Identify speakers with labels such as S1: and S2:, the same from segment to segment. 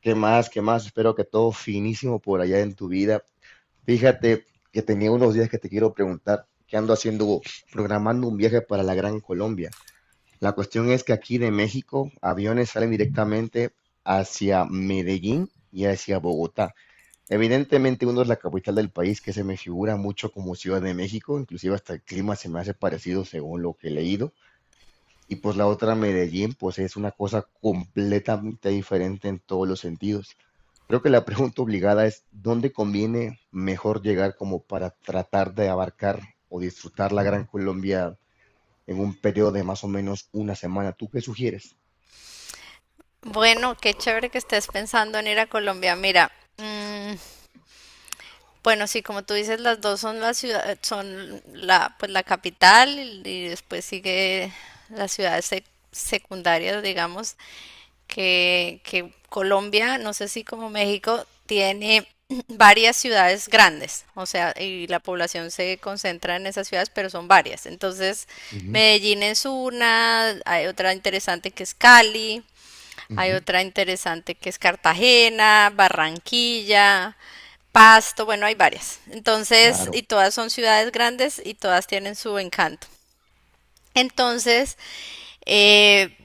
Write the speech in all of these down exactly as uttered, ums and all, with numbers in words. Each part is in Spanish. S1: ¿Qué más? ¿Qué más? Espero que todo finísimo por allá en tu vida. Fíjate que tenía unos días que te quiero preguntar, ¿qué ando haciendo? Programando un viaje para la Gran Colombia. La cuestión es que aquí de México, aviones salen directamente hacia Medellín y hacia Bogotá. Evidentemente uno es la capital del país que se me figura mucho como Ciudad de México, inclusive hasta el clima se me hace parecido según lo que he leído. Y pues la otra, Medellín, pues es una cosa completamente diferente en todos los sentidos. Creo que la pregunta obligada es, ¿dónde conviene mejor llegar como para tratar de abarcar o disfrutar la Gran Colombia en un periodo de más o menos una semana? ¿Tú qué sugieres?
S2: Bueno, qué chévere que estés pensando en ir a Colombia. Mira, mm, bueno, sí, como tú dices, las dos son la ciudad, son la, pues la capital y y después sigue las ciudades sec- secundarias, digamos, que, que Colombia, no sé si como México, tiene varias ciudades grandes, o sea, y la población se concentra en esas ciudades, pero son varias. Entonces,
S1: Ujú,
S2: Medellín es una, hay otra interesante que es Cali, hay
S1: ujú,
S2: otra interesante que es Cartagena, Barranquilla, Pasto, bueno, hay varias. Entonces,
S1: claro,
S2: y todas son ciudades grandes y todas tienen su encanto. Entonces, eh,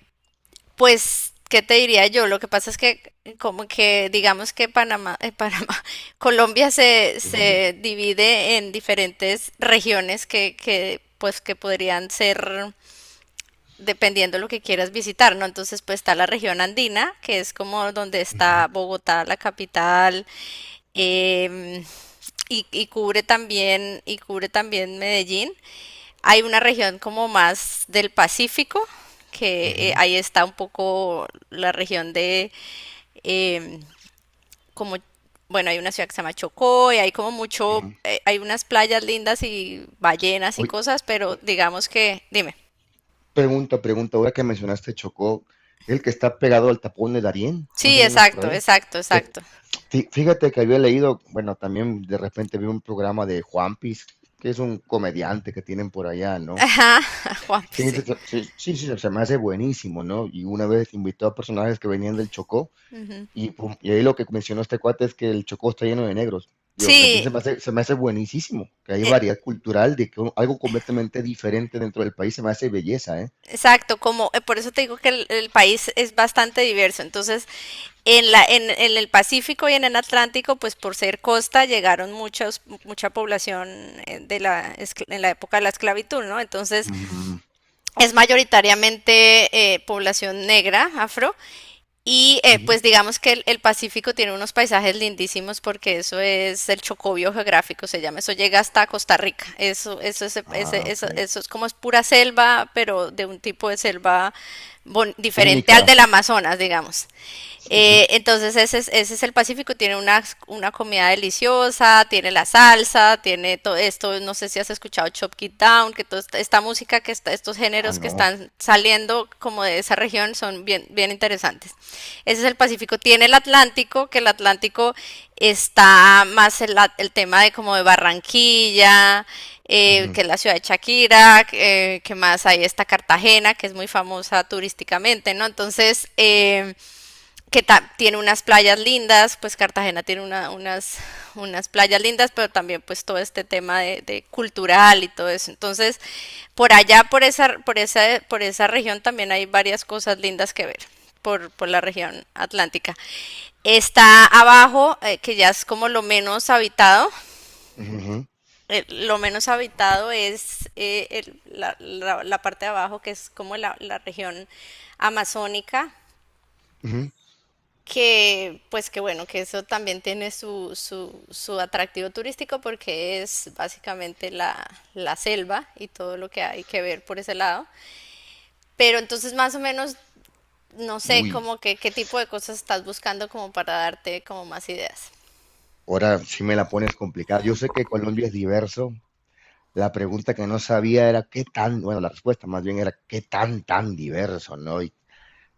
S2: pues, ¿qué te diría yo? Lo que pasa es que como que digamos que Panamá, eh, Panamá, Colombia se,
S1: Colombia.
S2: se divide en diferentes regiones que, que pues que podrían ser dependiendo lo que quieras visitar, ¿no? Entonces, pues está la región andina, que es como donde
S1: Ujú,
S2: está Bogotá, la capital, em, y, y cubre también, y cubre también Medellín. Hay una región como más del Pacífico, que eh,
S1: ujú,
S2: ahí está un poco la región de em, como bueno, hay una ciudad que se llama Chocó y hay como
S1: ujú.
S2: mucho, eh, hay unas playas lindas y ballenas y
S1: Oye,
S2: cosas, pero digamos que, dime.
S1: pregunta, pregunta, ahora que mencionaste Chocó, el que está pegado al tapón de Darién, más
S2: Sí,
S1: o menos por
S2: exacto,
S1: ahí,
S2: exacto, exacto.
S1: Fí- Fíjate que había leído, bueno, también de repente vi un programa de Juanpis, que es un comediante que tienen por allá, ¿no?
S2: Ajá, Juanpi,
S1: Sí, sí,
S2: sí.
S1: sí, sí, sí, se me hace buenísimo, ¿no? Y una vez invitó a personajes que venían del Chocó,
S2: Ujú.
S1: y pum, y ahí lo que mencionó este cuate es que el Chocó está lleno de negros. Digo, a mí se
S2: Sí,
S1: me hace, se me hace buenísimo, que hay variedad
S2: e-
S1: cultural, de que un- algo completamente diferente dentro del país se me hace belleza, ¿eh?
S2: exacto, como eh, por eso te digo que el, el país es bastante diverso. Entonces, en la, en, en el Pacífico y en el Atlántico, pues por ser costa, llegaron muchos, mucha población eh, de la, escl- en la época de la esclavitud, ¿no? Entonces,
S1: Ujú,
S2: es mayoritariamente eh, población negra, afro. Y eh,
S1: ujú.
S2: pues digamos que el, el Pacífico tiene unos paisajes lindísimos porque eso es el chocobio geográfico, se llama, eso llega hasta Costa Rica, eso, eso, es,
S1: Ah,
S2: ese-
S1: ok.
S2: eso, eso es como es pura selva, pero de un tipo de selva bon-
S1: Es
S2: diferente al
S1: única.
S2: del Amazonas, digamos.
S1: Sí, sí.
S2: Eh, entonces ese es, ese es el Pacífico, tiene una, una comida deliciosa, tiene la salsa, tiene todo esto, no sé si has escuchado Chop It Down, que toda esta, esta música que está, estos
S1: Ah,
S2: géneros que
S1: no.
S2: están saliendo como de esa región son bien, bien interesantes. Ese es el Pacífico. Tiene el Atlántico, que el Atlántico está más el, el tema de como de Barranquilla, eh,
S1: Ujú,
S2: que es la ciudad de Shakira, eh, que más ahí está Cartagena, que es muy famosa turísticamente, ¿no? Entonces, eh, que tiene unas playas lindas, pues Cartagena tiene una- unas, unas playas lindas, pero también pues todo este tema de, de cultural y todo eso. Entonces, por allá, por esa, por esa, por esa región también hay varias cosas lindas que ver. Por, por la región atlántica. Está abajo, eh, que ya es como lo menos habitado.
S1: ujú, ujú,
S2: Eh, lo menos habitado es eh, el- la, la- la parte de abajo, que es como la, la región amazónica,
S1: ujú.
S2: que pues que bueno, que eso también tiene su, su, su atractivo turístico porque es básicamente la, la selva y todo lo que hay que ver por ese lado. Pero entonces más o menos, no sé,
S1: Uy.
S2: como que qué tipo de cosas estás buscando como para darte como más ideas.
S1: Ahora sí me la pones complicada. Yo sé que Colombia es diverso. La pregunta que no sabía era qué tan, bueno, la respuesta más bien era qué tan, tan diverso, ¿no? Y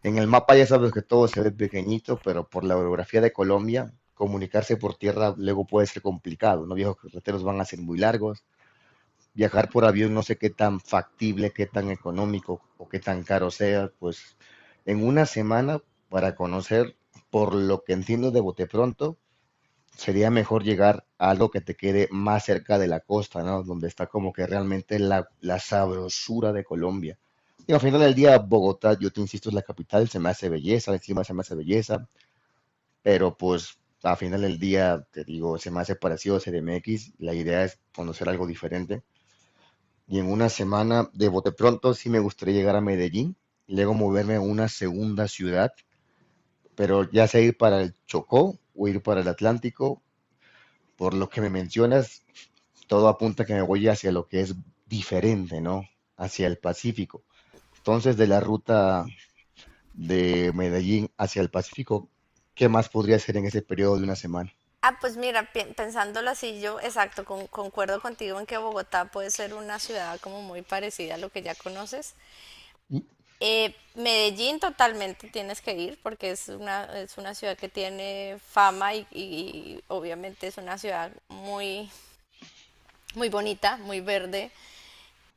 S1: en el mapa ya sabes que todo se ve pequeñito, pero por la orografía de Colombia, comunicarse por tierra luego puede ser complicado, ¿no? Viejos carreteros van a ser muy largos. Viajar por avión no sé qué tan factible, qué tan económico o qué tan caro sea, pues en una semana para conocer, por lo que entiendo de bote pronto, sería mejor llegar a algo que te quede más cerca de la costa, ¿no? Donde está como que realmente la, la sabrosura de Colombia. Y al final del día, Bogotá, yo te insisto, es la capital, se me hace belleza, encima se me hace belleza, pero pues al final del día, te digo, se me hace parecido a C D M X, la idea es conocer algo diferente. Y en una semana, de bote pronto, sí me gustaría llegar a Medellín, y luego moverme a una segunda ciudad, pero ya sea ir para el Chocó o ir para el Atlántico, por lo que me mencionas, todo apunta que me voy hacia lo que es diferente, ¿no? Hacia el Pacífico. Entonces, de la ruta de Medellín hacia el Pacífico, ¿qué más podría hacer en ese periodo de una semana?
S2: Ah, pues mira, pi- pensándolo así, yo exacto, con- concuerdo contigo en que Bogotá puede ser una ciudad como muy parecida a lo que ya conoces. Eh, Medellín totalmente tienes que ir porque es una, es una ciudad que tiene fama y, y obviamente es una ciudad muy, muy bonita, muy verde,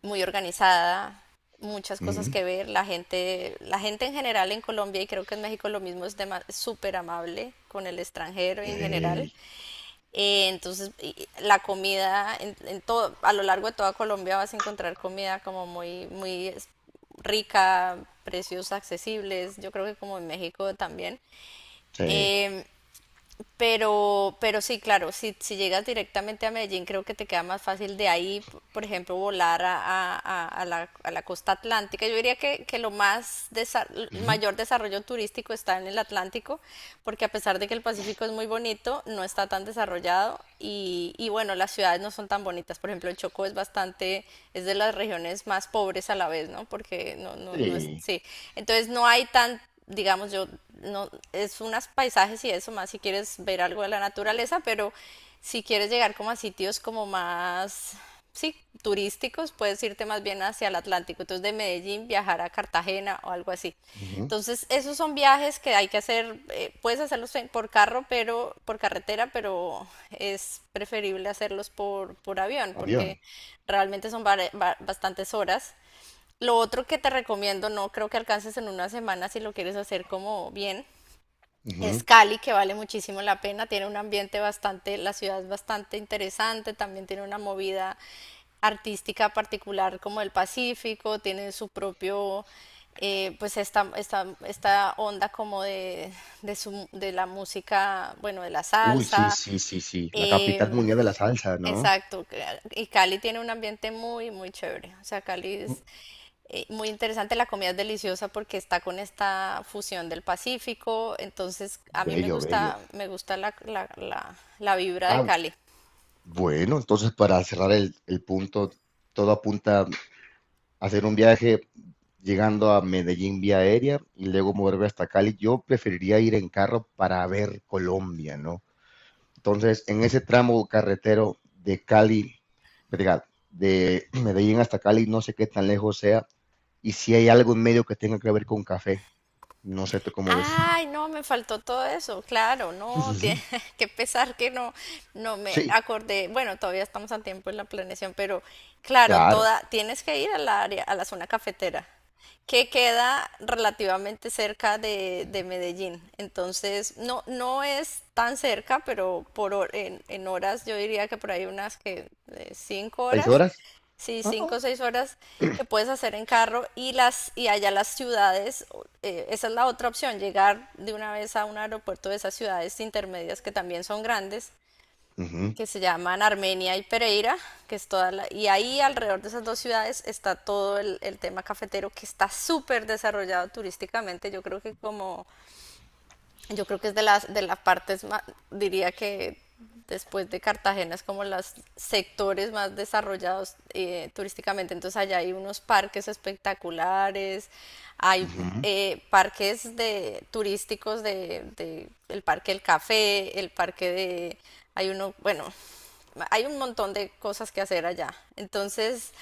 S2: muy organizada, muchas cosas
S1: Ujú.
S2: que ver. La gente, la gente en general en Colombia y creo que en México lo mismo es dema- súper amable con el extranjero y en general.
S1: Eh,
S2: Eh, entonces, y- la comida en, en todo, a lo largo de toda Colombia vas a encontrar comida como muy, muy es- rica, precios accesibles. Yo creo que como en México también.
S1: sí.
S2: Em, pero, pero sí, claro, si, si llegas directamente a Medellín, creo que te queda más fácil de ahí, p- por ejemplo, volar a, a- a- a la, a la costa atlántica. Yo diría que, que lo más desa- el
S1: Ujú.
S2: mayor desarrollo turístico está en el Atlántico, porque a pesar de que el Pacífico es muy bonito, no está tan desarrollado y, y bueno, las ciudades no son tan bonitas. Por ejemplo, el Chocó es bastante, es de las regiones más pobres a la vez, ¿no? Porque no, no, no es,
S1: Sí.
S2: sí. Entonces no hay tan digamos, yo no, es unos paisajes y eso más si quieres ver algo de la naturaleza, pero si quieres llegar como a sitios como más, sí, turísticos, puedes irte más bien hacia el Atlántico, entonces de Medellín viajar a Cartagena o algo así.
S1: Ujú.
S2: Entonces, esos son viajes que hay que hacer, eh, puedes hacerlos en- por carro, pero por carretera, pero es preferible hacerlos por, por avión, porque
S1: Avión.
S2: realmente son bare- ba- bastantes horas. Lo otro que te recomiendo, no creo que alcances en una semana si lo quieres hacer como bien, es
S1: Ujú.
S2: Cali, que vale muchísimo la pena, tiene un ambiente bastante, la ciudad es bastante interesante, también tiene una movida artística particular como el Pacífico, tiene su propio, eh, pues esta, esta, esta onda como de, de, su, de la música, bueno, de la
S1: Uy, sí,
S2: salsa,
S1: sí, sí, sí. La capital
S2: em,
S1: mundial de la salsa, ¿no?
S2: exacto, que- y Cali tiene un ambiente muy, muy chévere, o sea, Cali es,
S1: Ujú.
S2: eh, muy interesante, la comida es deliciosa porque está con esta fusión del Pacífico, entonces a mí me
S1: Bello, bello.
S2: gusta, me gusta la, la, la, la vibra de
S1: Ah,
S2: Cali.
S1: bueno, entonces para cerrar el, el punto, todo apunta hacer un viaje llegando a Medellín vía aérea y luego moverme hasta Cali. Yo preferiría ir en carro para ver Colombia, ¿no? Entonces, en ese tramo carretero de Cali, diga, de Medellín hasta Cali, no sé qué tan lejos sea, y si hay algo en medio que tenga que ver con café, no sé tú cómo ves.
S2: Ay, no, me faltó todo eso, claro,
S1: Sí, sí,
S2: no, tiene
S1: sí.
S2: que pesar que no, no me
S1: Sí,
S2: acordé, bueno, todavía estamos a tiempo en la planeación, pero claro,
S1: claro.
S2: toda, tienes que ir a la área, a la zona cafetera, que queda relativamente cerca de, de Medellín, entonces no, no es tan cerca, pero por hor- en, en horas yo diría que por ahí unas que eh, cinco
S1: ¿Seis
S2: horas
S1: horas?
S2: Sí,
S1: Ah,
S2: cinco
S1: ah.
S2: o seis horas que puedes hacer en carro y las y allá las ciudades, o- eh, esa es la otra opción, llegar de una vez a un aeropuerto de esas ciudades intermedias que también son grandes,
S1: Ujú,
S2: que se llaman Armenia y Pereira, que es toda la, y ahí alrededor de esas dos ciudades está todo el, el tema cafetero que está súper desarrollado turísticamente, yo creo que como yo creo que es de las, de las partes más, diría que después de Cartagena es como los sectores más desarrollados eh, turísticamente. Entonces allá hay unos parques espectaculares, hay
S1: ujú,
S2: eh, parques de turísticos de, de- el Parque del Café, el parque de, hay uno, bueno, hay un montón de cosas que hacer allá. Entonces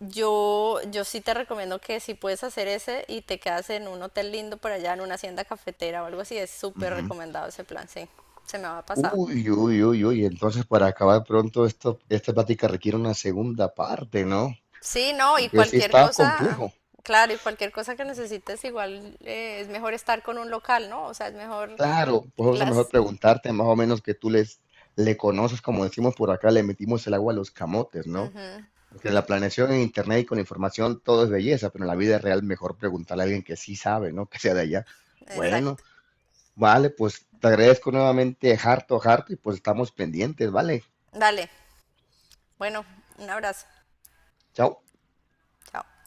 S2: yo, yo sí te recomiendo que si puedes hacer ese y te quedas en un hotel lindo por allá, en una hacienda cafetera o algo así, es súper
S1: ujú.
S2: recomendado ese plan, sí, se me va a pasar.
S1: Uy, uy, uy, uy. Entonces, para acabar pronto, esto, esta plática requiere una segunda parte, ¿no?
S2: Sí, no, y
S1: Porque sí
S2: cualquier
S1: está
S2: cosa,
S1: complejo.
S2: claro, y cualquier cosa que necesites, igual eh, es mejor estar con un local, ¿no? O sea, es mejor
S1: Claro, por eso mejor
S2: las...
S1: preguntarte más o menos que tú les, le conoces, como decimos por acá, le metimos el agua a los camotes, ¿no?
S2: Ujú,
S1: Porque la planeación en internet y con información todo es belleza, pero en la vida real mejor preguntarle a alguien que sí sabe, ¿no? Que sea de allá. Bueno,
S2: exacto.
S1: vale, pues te agradezco nuevamente, harto, harto, y pues estamos pendientes, ¿vale?
S2: Dale, bueno, un abrazo.
S1: Chao.
S2: Chao.